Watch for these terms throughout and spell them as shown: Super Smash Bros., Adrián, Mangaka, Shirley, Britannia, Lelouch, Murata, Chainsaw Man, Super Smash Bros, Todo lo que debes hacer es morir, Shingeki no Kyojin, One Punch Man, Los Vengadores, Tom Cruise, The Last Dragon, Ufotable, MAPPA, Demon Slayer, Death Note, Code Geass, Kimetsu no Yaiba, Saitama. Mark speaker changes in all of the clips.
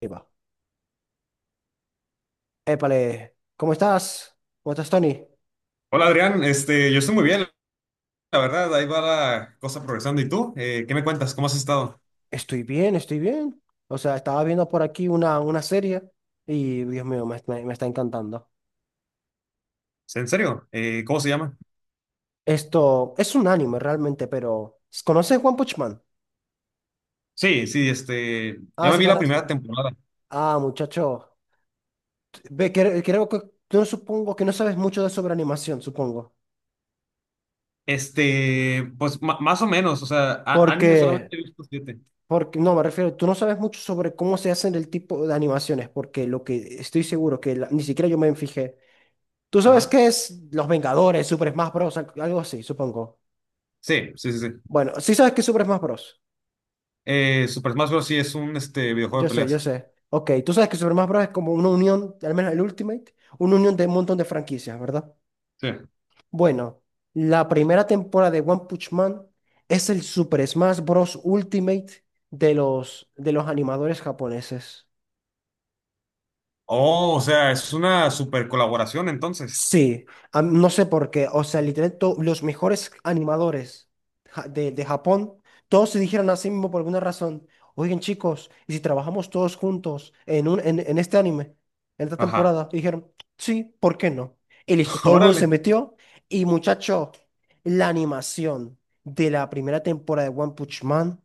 Speaker 1: Ahí va. Épale, ¿cómo estás? ¿Cómo estás, Tony?
Speaker 2: Hola Adrián, yo estoy muy bien, la verdad, ahí va la cosa progresando. ¿Y tú? ¿Qué me cuentas? ¿Cómo has estado?
Speaker 1: Estoy bien, estoy bien. O sea, estaba viendo por aquí una serie y, Dios mío, me está encantando.
Speaker 2: ¿En serio? ¿Cómo se llama?
Speaker 1: Esto es un anime realmente, pero ¿conoces One Punch Man?
Speaker 2: Sí, sí, ya
Speaker 1: Ah,
Speaker 2: me
Speaker 1: sí,
Speaker 2: vi la
Speaker 1: conoces.
Speaker 2: primera temporada.
Speaker 1: Ah, muchacho. Ve, creo que tú no supongo que no sabes mucho de sobre animación, supongo.
Speaker 2: Pues más o menos, o sea, anime
Speaker 1: Porque,
Speaker 2: solamente he visto siete.
Speaker 1: porque, no, me refiero, tú no sabes mucho sobre cómo se hacen el tipo de animaciones, porque lo que estoy seguro que ni siquiera yo me fijé. ¿Tú sabes
Speaker 2: Ajá.
Speaker 1: qué es Los Vengadores, Super Smash Bros? Algo así, supongo.
Speaker 2: Sí, sí, sí, sí.
Speaker 1: Bueno, sí sabes qué es Super Smash Bros.
Speaker 2: Super Smash Bros. Sí es un videojuego
Speaker 1: Yo
Speaker 2: de
Speaker 1: sé, yo
Speaker 2: peleas.
Speaker 1: sé. Ok, tú sabes que Super Smash Bros es como una unión, al menos el Ultimate, una unión de un montón de franquicias, ¿verdad?
Speaker 2: Sí.
Speaker 1: Bueno, la primera temporada de One Punch Man es el Super Smash Bros. Ultimate de los animadores japoneses.
Speaker 2: Oh, o sea, es una super colaboración entonces.
Speaker 1: Sí, no sé por qué. O sea, literalmente los mejores animadores de Japón, todos se dijeron así mismo por alguna razón. Oigan, chicos, ¿y si trabajamos todos juntos en este anime, en esta
Speaker 2: Ajá.
Speaker 1: temporada? Y dijeron, sí, ¿por qué no? Y listo, todo el mundo se
Speaker 2: Órale.
Speaker 1: metió. Y muchacho, la animación de la primera temporada de One Punch Man.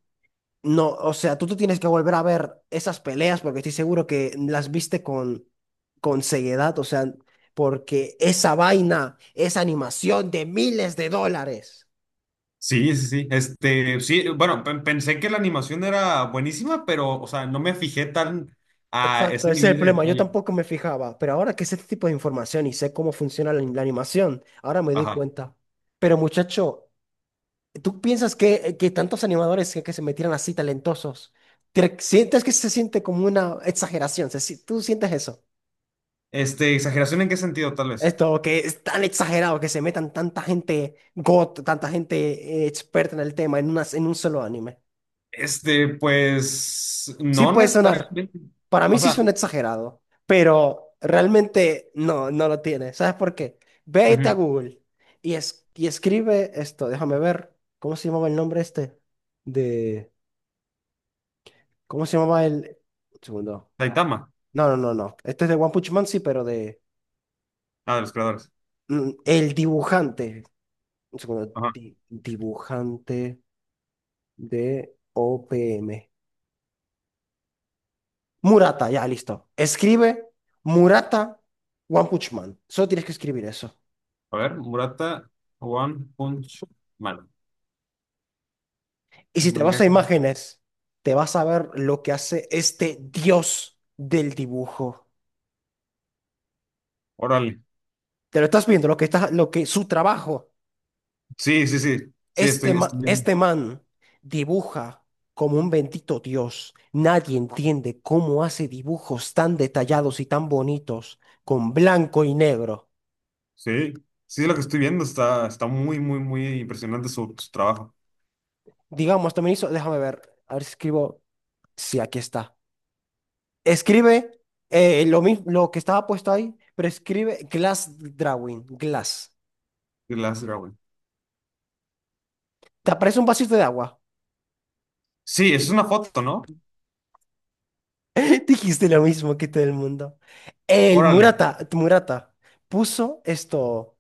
Speaker 1: No, o sea, tú te tienes que volver a ver esas peleas porque estoy seguro que las viste con ceguedad, o sea, porque esa vaina es animación de miles de dólares.
Speaker 2: Sí, sí, sí. Sí, bueno, pensé que la animación era buenísima, pero, o sea, no me fijé tan a ese
Speaker 1: Exacto, ese es
Speaker 2: nivel
Speaker 1: el
Speaker 2: de
Speaker 1: problema. Yo
Speaker 2: detalle.
Speaker 1: tampoco me fijaba, pero ahora que sé este tipo de información y sé cómo funciona la animación, ahora me doy
Speaker 2: Ajá.
Speaker 1: cuenta. Pero muchacho, ¿tú piensas que tantos animadores que se metieran así talentosos, sientes que se siente como una exageración? Se si- ¿Tú sientes eso?
Speaker 2: ¿Exageración en qué sentido, tal vez?
Speaker 1: Esto que es tan exagerado que se metan tanta gente experta en el tema en en un solo anime.
Speaker 2: Pues,
Speaker 1: Sí
Speaker 2: no
Speaker 1: puede sonar.
Speaker 2: necesariamente.
Speaker 1: Para mí
Speaker 2: O
Speaker 1: sí
Speaker 2: sea,
Speaker 1: suena exagerado, pero realmente no, no lo tiene. ¿Sabes por qué? Vete a
Speaker 2: ujú,
Speaker 1: Google y, y escribe esto. Déjame ver. ¿Cómo se llamaba el nombre este? De. ¿Cómo se llamaba el? Un segundo.
Speaker 2: Saitama.
Speaker 1: No, no, no, no. Este es de One Punch Man, sí, pero de.
Speaker 2: Ah, de los creadores.
Speaker 1: El dibujante. Un segundo.
Speaker 2: Ajá.
Speaker 1: Dibujante. D-O-P-M. Murata, ya, listo. Escribe Murata One Punch Man. Solo tienes que escribir eso.
Speaker 2: A ver, Murata One Punch Man.
Speaker 1: Y si te vas a
Speaker 2: Mangaka.
Speaker 1: imágenes, te vas a ver lo que hace este dios del dibujo.
Speaker 2: Órale.
Speaker 1: Te lo estás viendo, lo que está, lo que su trabajo.
Speaker 2: Sí, sí, sí. Sí,
Speaker 1: Este,
Speaker 2: estoy viendo.
Speaker 1: este man dibuja como un bendito dios. Nadie entiende cómo hace dibujos tan detallados y tan bonitos con blanco y negro.
Speaker 2: Sí. Sí, lo que estoy viendo está muy, muy, muy impresionante su trabajo.
Speaker 1: Digamos, también hizo, déjame ver, a ver si escribo. Sí, aquí está. Escribe lo mismo, lo que estaba puesto ahí, pero escribe glass drawing, glass.
Speaker 2: The Last Dragon.
Speaker 1: Te aparece un vasito de agua.
Speaker 2: Sí, es una foto, ¿no?
Speaker 1: Dijiste lo mismo que todo el mundo. El
Speaker 2: Órale.
Speaker 1: Murata puso esto,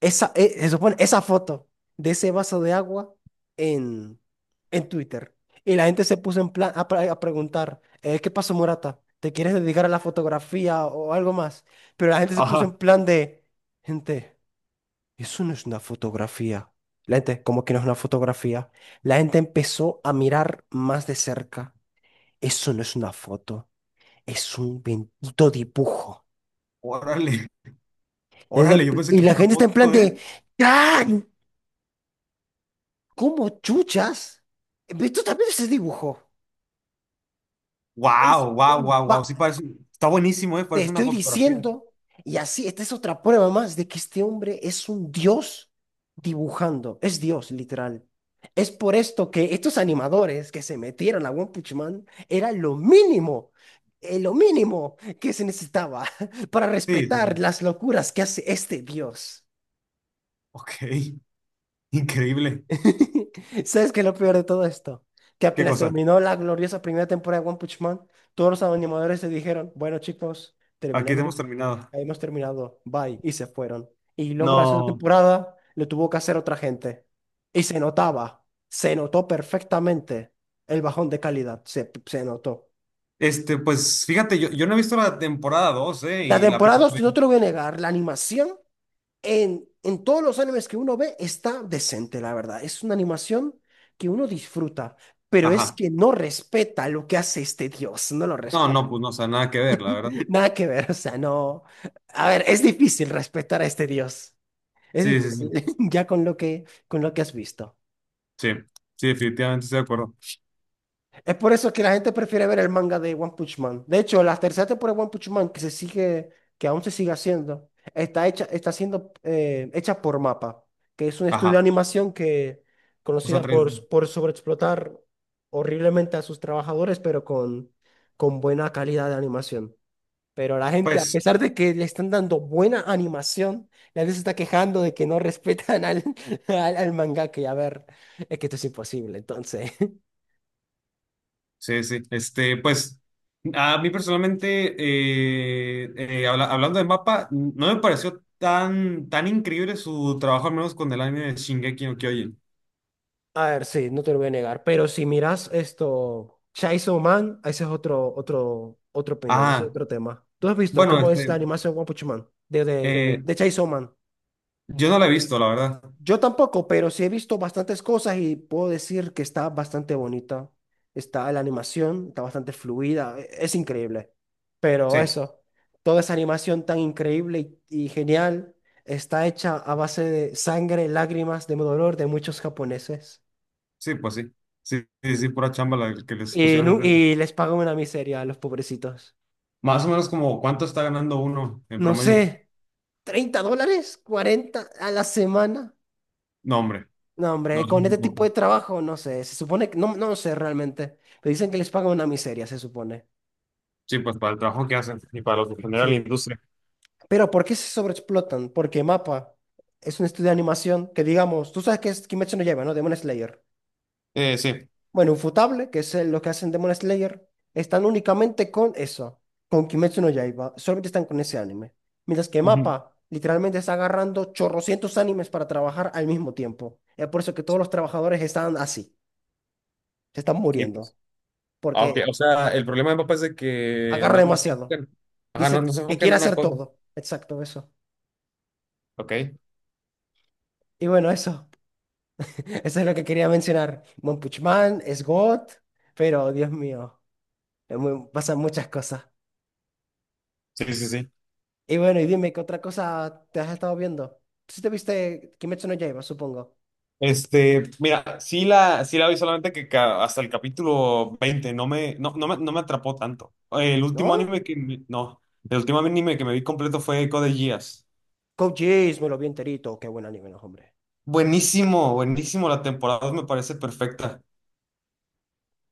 Speaker 1: esa, se supone, esa foto de ese vaso de agua en, en Twitter. Y la gente se puso en plan a preguntar, ¿qué pasó, Murata? ¿Te quieres dedicar a la fotografía o algo más? Pero la gente se puso
Speaker 2: Ajá.
Speaker 1: en plan de, gente. Eso no es una fotografía. La gente, ¿cómo que no es una fotografía? La gente empezó a mirar más de cerca. Eso no es una foto, es un bendito dibujo.
Speaker 2: Órale,
Speaker 1: La gente
Speaker 2: órale,
Speaker 1: en
Speaker 2: yo
Speaker 1: pl-
Speaker 2: pensé
Speaker 1: Y
Speaker 2: que era
Speaker 1: la
Speaker 2: una
Speaker 1: gente está en plan
Speaker 2: foto, ¿eh?
Speaker 1: de, ¡ay! ¿Cómo chuchas? Esto también es dibujo. Es
Speaker 2: Wow, wow,
Speaker 1: un
Speaker 2: wow, wow,
Speaker 1: ba-
Speaker 2: sí parece, está buenísimo, ¿eh?
Speaker 1: Te
Speaker 2: Parece una
Speaker 1: estoy
Speaker 2: fotografía.
Speaker 1: diciendo, y así, esta es otra prueba más de que este hombre es un dios dibujando, es dios literal. Es por esto que estos animadores que se metieron a One Punch Man era lo mínimo que se necesitaba para
Speaker 2: Sí, sí,
Speaker 1: respetar
Speaker 2: sí.
Speaker 1: las locuras que hace este dios.
Speaker 2: Ok, increíble.
Speaker 1: ¿Sabes qué es lo peor de todo esto? Que
Speaker 2: Qué
Speaker 1: apenas
Speaker 2: cosa.
Speaker 1: terminó la gloriosa primera temporada de One Punch Man, todos los animadores se dijeron, bueno chicos,
Speaker 2: Aquí
Speaker 1: terminamos,
Speaker 2: hemos terminado.
Speaker 1: hemos terminado, bye, y se fueron. Y luego la segunda
Speaker 2: No,
Speaker 1: temporada lo tuvo que hacer otra gente. Y se notaba, se notó perfectamente el bajón de calidad, se notó.
Speaker 2: pues fíjate, yo no he visto la temporada 2, ¿eh?
Speaker 1: La
Speaker 2: Y la
Speaker 1: temporada,
Speaker 2: pienso
Speaker 1: dos, no
Speaker 2: ver.
Speaker 1: te lo voy a negar, la animación. En todos los animes que uno ve está decente, la verdad. Es una animación que uno disfruta, pero es
Speaker 2: Ajá.
Speaker 1: que no respeta lo que hace este dios, no lo
Speaker 2: No, no,
Speaker 1: respeta.
Speaker 2: pues no, o sea, nada que ver, la verdad.
Speaker 1: Nada que ver, o sea, no. A ver, es difícil respetar a este dios. Es
Speaker 2: Sí, sí,
Speaker 1: difícil,
Speaker 2: sí.
Speaker 1: ya con lo que has visto.
Speaker 2: Sí, sí, definitivamente estoy de acuerdo.
Speaker 1: Es por eso que la gente prefiere ver el manga de One Punch Man. De hecho, la tercera temporada de One Punch Man, que aún se sigue haciendo, está hecha, está siendo hecha por MAPPA, que es un estudio de
Speaker 2: Ajá.
Speaker 1: animación que
Speaker 2: O sea,
Speaker 1: conocida
Speaker 2: tres. D
Speaker 1: por sobreexplotar horriblemente a sus trabajadores, pero con buena calidad de animación. Pero la gente, a
Speaker 2: Pues.
Speaker 1: pesar de que le están dando buena animación, la gente se está quejando de que no respetan al mangaka. Y a ver, es que esto es imposible, entonces.
Speaker 2: Sí, sí. Pues, a mí personalmente, hablando de mapa, no me pareció tan, tan increíble su trabajo, al menos con el anime de Shingeki no Kyojin.
Speaker 1: A ver, sí, no te lo voy a negar, pero si miras esto, Chainsaw Man, ese es otra opinión, ese es
Speaker 2: Ah,
Speaker 1: otro tema. ¿Tú has visto
Speaker 2: bueno, Ah,
Speaker 1: cómo es la animación One Punch Man? De, de, de,
Speaker 2: eh,
Speaker 1: de Chainsaw Man.
Speaker 2: yo no la he visto, la verdad.
Speaker 1: Yo tampoco, pero sí he visto bastantes cosas y puedo decir que está bastante bonita. Está la animación, está bastante fluida, es increíble.
Speaker 2: Sí,
Speaker 1: Pero eso, toda esa animación tan increíble y genial está hecha a base de sangre, lágrimas, de dolor de muchos japoneses.
Speaker 2: sí, pues sí. Sí, sí, sí, pura chamba la que les pusieron enfrente.
Speaker 1: Y les pagan una miseria a los pobrecitos.
Speaker 2: Más o menos como cuánto está ganando uno en
Speaker 1: No
Speaker 2: promedio.
Speaker 1: sé, $30, 40 a la semana.
Speaker 2: No, hombre,
Speaker 1: No,
Speaker 2: no,
Speaker 1: hombre,
Speaker 2: es
Speaker 1: con
Speaker 2: muy
Speaker 1: este
Speaker 2: poco.
Speaker 1: tipo de trabajo, no sé, se supone que, no, no sé realmente, pero dicen que les pagan una miseria, se supone.
Speaker 2: Sí, pues para el trabajo que hacen y para lo que genera la
Speaker 1: Sí,
Speaker 2: industria.
Speaker 1: pero ¿por qué se sobreexplotan? Porque MAPPA es un estudio de animación que, digamos, tú sabes que es Kimetsu no Yaiba, ¿no? Demon Slayer.
Speaker 2: Sí.
Speaker 1: Bueno, Ufotable, que es los que hacen Demon Slayer, están únicamente con eso, con Kimetsu no Yaiba. Solamente están con ese anime. Mientras que
Speaker 2: Ujú.
Speaker 1: MAPPA literalmente está agarrando chorrocientos animes para trabajar al mismo tiempo. Es por eso que todos los trabajadores están así, se están
Speaker 2: Sí, pues.
Speaker 1: muriendo,
Speaker 2: Ah, ok.
Speaker 1: porque
Speaker 2: O sea, el problema de papá es de que
Speaker 1: agarra
Speaker 2: no se
Speaker 1: demasiado.
Speaker 2: enfocan, ajá, no
Speaker 1: Dice
Speaker 2: se
Speaker 1: que
Speaker 2: enfocan
Speaker 1: quiere
Speaker 2: en una
Speaker 1: hacer
Speaker 2: cosa.
Speaker 1: todo. Exacto, eso.
Speaker 2: Ok.
Speaker 1: Y bueno, eso. Eso es lo que quería mencionar. One Punch Man es God, pero Dios mío, pasan muchas cosas.
Speaker 2: Sí, sí, sí.
Speaker 1: Y bueno, y dime, ¿qué otra cosa te has estado viendo? Si te viste Kimetsu no Yaiba, supongo.
Speaker 2: Mira, sí la vi solamente que hasta el capítulo 20, no me atrapó tanto. El último
Speaker 1: ¿No?
Speaker 2: anime que no, el último anime que me vi completo fue Code Geass.
Speaker 1: Code Geass, me lo vi enterito. Qué buen anime, no, hombre.
Speaker 2: Buenísimo, buenísimo. La temporada dos me parece perfecta.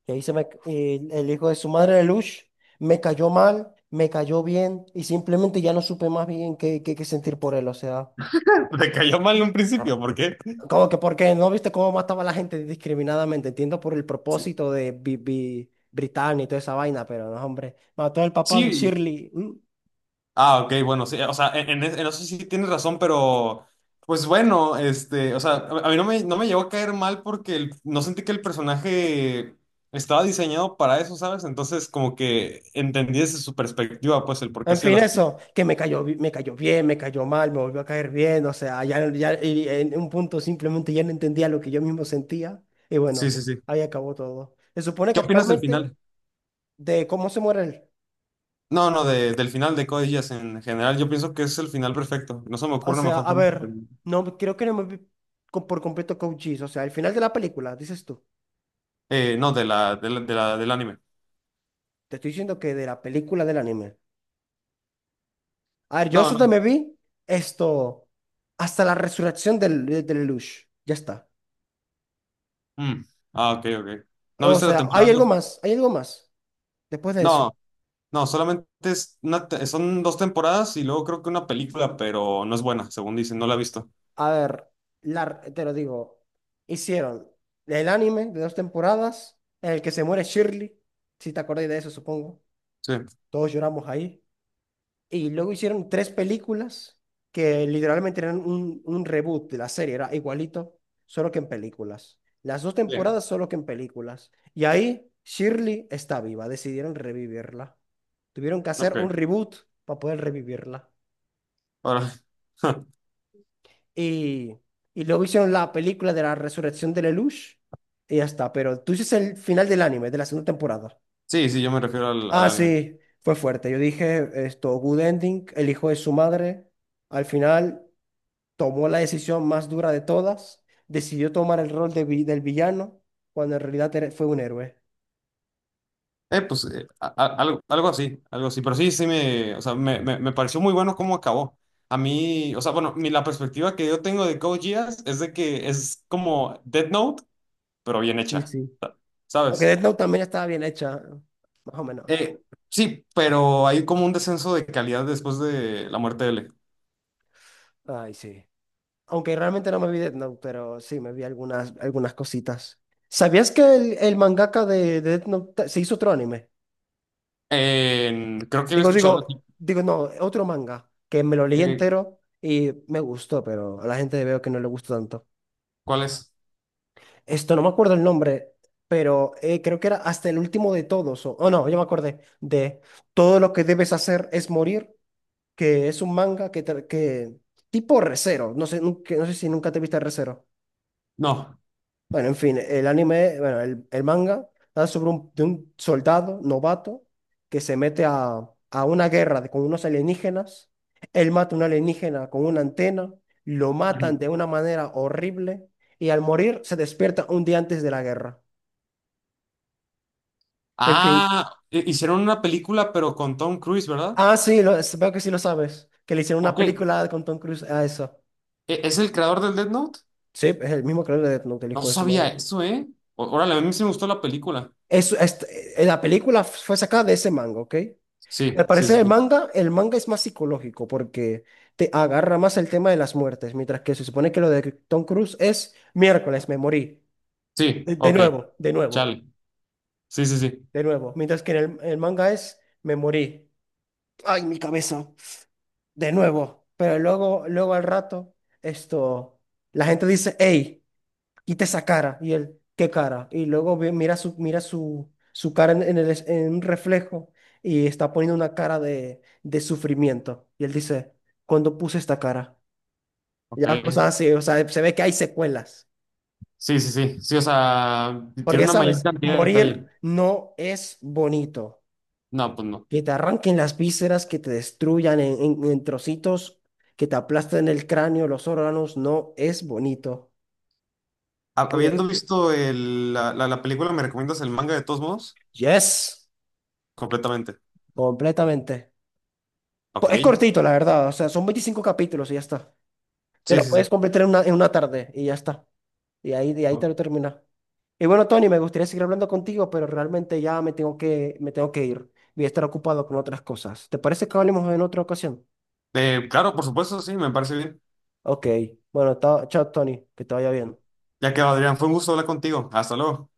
Speaker 1: Y ahí se me... y el hijo de su madre, de Lush, me cayó mal, me cayó bien, y simplemente ya no supe más bien qué sentir por él. O sea,
Speaker 2: Me cayó mal en un principio, ¿por qué?
Speaker 1: como que porque no viste cómo mataba a la gente discriminadamente. Entiendo por el propósito de Britannia y toda esa vaina, pero no, hombre. Mató al papá de
Speaker 2: Sí,
Speaker 1: Shirley.
Speaker 2: Ah, ok, bueno, sí, o sea, en, en eso sí tienes razón, pero pues bueno, o sea, a mí no me llegó a caer mal porque no sentí que el personaje estaba diseñado para eso, ¿sabes? Entonces, como que entendí desde su perspectiva, pues, el por qué
Speaker 1: En
Speaker 2: hacía
Speaker 1: fin,
Speaker 2: las cosas.
Speaker 1: eso, que me cayó bien, me cayó mal, me volvió a caer bien, o sea, ya, ya y en un punto simplemente ya no entendía lo que yo mismo sentía y
Speaker 2: Sí,
Speaker 1: bueno,
Speaker 2: sí, sí.
Speaker 1: ahí acabó todo. Se supone
Speaker 2: ¿Qué
Speaker 1: que
Speaker 2: opinas del
Speaker 1: actualmente
Speaker 2: final?
Speaker 1: de cómo se muere él,
Speaker 2: No, no, del final de Code Geass en general, yo pienso que es el final perfecto. No se me
Speaker 1: o
Speaker 2: ocurre una
Speaker 1: sea,
Speaker 2: mejor
Speaker 1: a
Speaker 2: forma de
Speaker 1: ver,
Speaker 2: terminar.
Speaker 1: no, creo que no me vi por completo Cochise, o sea, al final de la película, dices tú,
Speaker 2: No, de la, del anime.
Speaker 1: te estoy diciendo que de la película del anime. A ver, yo
Speaker 2: No,
Speaker 1: solo
Speaker 2: no.
Speaker 1: me vi esto, hasta la resurrección del Lelouch, ya está.
Speaker 2: Mm. Ah, ok, ok. ¿No
Speaker 1: O
Speaker 2: viste la
Speaker 1: sea,
Speaker 2: temporada dos?
Speaker 1: hay algo más después de eso.
Speaker 2: No. No, solamente es una son dos temporadas y luego creo que una película, pero no es buena, según dicen, no la he visto.
Speaker 1: A ver, te lo digo. Hicieron el anime de dos temporadas en el que se muere Shirley, si te acordás de eso, supongo.
Speaker 2: Sí.
Speaker 1: Todos lloramos ahí. Y luego hicieron tres películas que literalmente eran un reboot de la serie, era igualito, solo que en películas. Las dos
Speaker 2: Sí.
Speaker 1: temporadas solo que en películas. Y ahí Shirley está viva, decidieron revivirla. Tuvieron que hacer un
Speaker 2: Ok.
Speaker 1: reboot para poder revivirla.
Speaker 2: Ahora.
Speaker 1: Y, y luego hicieron la película de la resurrección de Lelouch y ya está. Pero tú dices el final del anime, de la segunda temporada.
Speaker 2: Sí, sí, yo me refiero al, al
Speaker 1: Ah,
Speaker 2: anime.
Speaker 1: sí, fue fuerte. Yo dije esto, good ending, el hijo de su madre, al final tomó la decisión más dura de todas, decidió tomar el rol de del villano, cuando en realidad fue un héroe.
Speaker 2: Pues algo, algo así. Pero sí, o sea, me pareció muy bueno cómo acabó. A mí, o sea, bueno, la perspectiva que yo tengo de Code Geass es de que es como Death Note, pero bien
Speaker 1: Sí,
Speaker 2: hecha,
Speaker 1: sí. Aunque
Speaker 2: ¿sabes?
Speaker 1: Death Note también estaba bien hecha, más o menos.
Speaker 2: Eh, sí, pero hay como un descenso de calidad después de la muerte de L.
Speaker 1: Ay, sí. Aunque realmente no me vi Death Note, pero sí me vi algunas cositas. ¿Sabías que el mangaka de Death Note se hizo otro anime?
Speaker 2: Creo que había escuchado algo así.
Speaker 1: No, otro manga que me lo leí
Speaker 2: Eh,
Speaker 1: entero y me gustó, pero a la gente veo que no le gustó tanto.
Speaker 2: ¿Cuál es?
Speaker 1: Esto no me acuerdo el nombre, pero creo que era hasta el último de todos. Oh, no, yo me acordé de Todo lo que debes hacer es morir, que es un manga que tipo recero. No sé, no sé si nunca te viste recero.
Speaker 2: No.
Speaker 1: Bueno, en fin, el anime, bueno, el manga trata sobre de un soldado novato que se mete a una guerra con unos alienígenas. Él mata a un alienígena con una antena, lo matan
Speaker 2: Ujú.
Speaker 1: de una manera horrible y al morir se despierta un día antes de la guerra. En fin.
Speaker 2: Ah, hicieron una película, pero con Tom Cruise, ¿verdad?
Speaker 1: Ah, sí, veo que sí lo sabes, que le hicieron una
Speaker 2: Ok.
Speaker 1: película con Tom Cruise a eso.
Speaker 2: ¿Es el creador del Death Note?
Speaker 1: Sí, es el mismo creador de Death Note, el
Speaker 2: No
Speaker 1: hijo de su
Speaker 2: sabía
Speaker 1: madre.
Speaker 2: eso, ¿eh? Órale, a mí sí me gustó la película.
Speaker 1: Es, es- la película fue sacada de ese manga, ¿ok?
Speaker 2: Sí,
Speaker 1: Al
Speaker 2: sí,
Speaker 1: parecer
Speaker 2: sí. Sí,
Speaker 1: el manga es más psicológico porque te agarra más el tema de las muertes, mientras que se supone que lo de Tom Cruise es miércoles, me morí.
Speaker 2: sí,
Speaker 1: De, de
Speaker 2: ok.
Speaker 1: nuevo, de nuevo,
Speaker 2: Chale. Sí, sí, sí.
Speaker 1: de nuevo. Mientras que en el manga es me morí. Ay, mi cabeza. De nuevo. Pero luego al rato, esto, la gente dice, hey. Quita esa cara. Y él, ¿qué cara? Y luego mira mira su cara en un reflejo y está poniendo una cara de sufrimiento. Y él dice, ¿cuándo puse esta cara? Ya, o
Speaker 2: Ok.
Speaker 1: sea, sí, o sea, se ve que hay secuelas.
Speaker 2: Sí, sí, sí. Sí, o sea,
Speaker 1: Porque
Speaker 2: tiene
Speaker 1: ya
Speaker 2: una mayor
Speaker 1: sabes,
Speaker 2: cantidad de
Speaker 1: morir
Speaker 2: detalle.
Speaker 1: no es bonito.
Speaker 2: No, pues no.
Speaker 1: Que te arranquen las vísceras, que te destruyan en trocitos, que te aplasten el cráneo, los órganos, no es bonito. Y
Speaker 2: Habiendo
Speaker 1: bueno,
Speaker 2: visto la película, ¿me recomiendas el manga de todos modos?
Speaker 1: yes,
Speaker 2: Completamente.
Speaker 1: completamente.
Speaker 2: Ok.
Speaker 1: Es cortito, la verdad. O sea, son 25 capítulos y ya está. Te
Speaker 2: Sí,
Speaker 1: lo puedes
Speaker 2: sí,
Speaker 1: completar en en una tarde y ya está. Y ahí, de ahí
Speaker 2: sí.
Speaker 1: te lo terminas. Y bueno, Tony, me gustaría seguir hablando contigo, pero realmente ya me tengo me tengo que ir. Voy a estar ocupado con otras cosas. ¿Te parece que hablemos en otra ocasión?
Speaker 2: Claro, por supuesto, sí, me parece bien.
Speaker 1: Ok. Bueno, chao, Tony. Que te vaya bien.
Speaker 2: Ya que Adrián, fue un gusto hablar contigo. Hasta luego.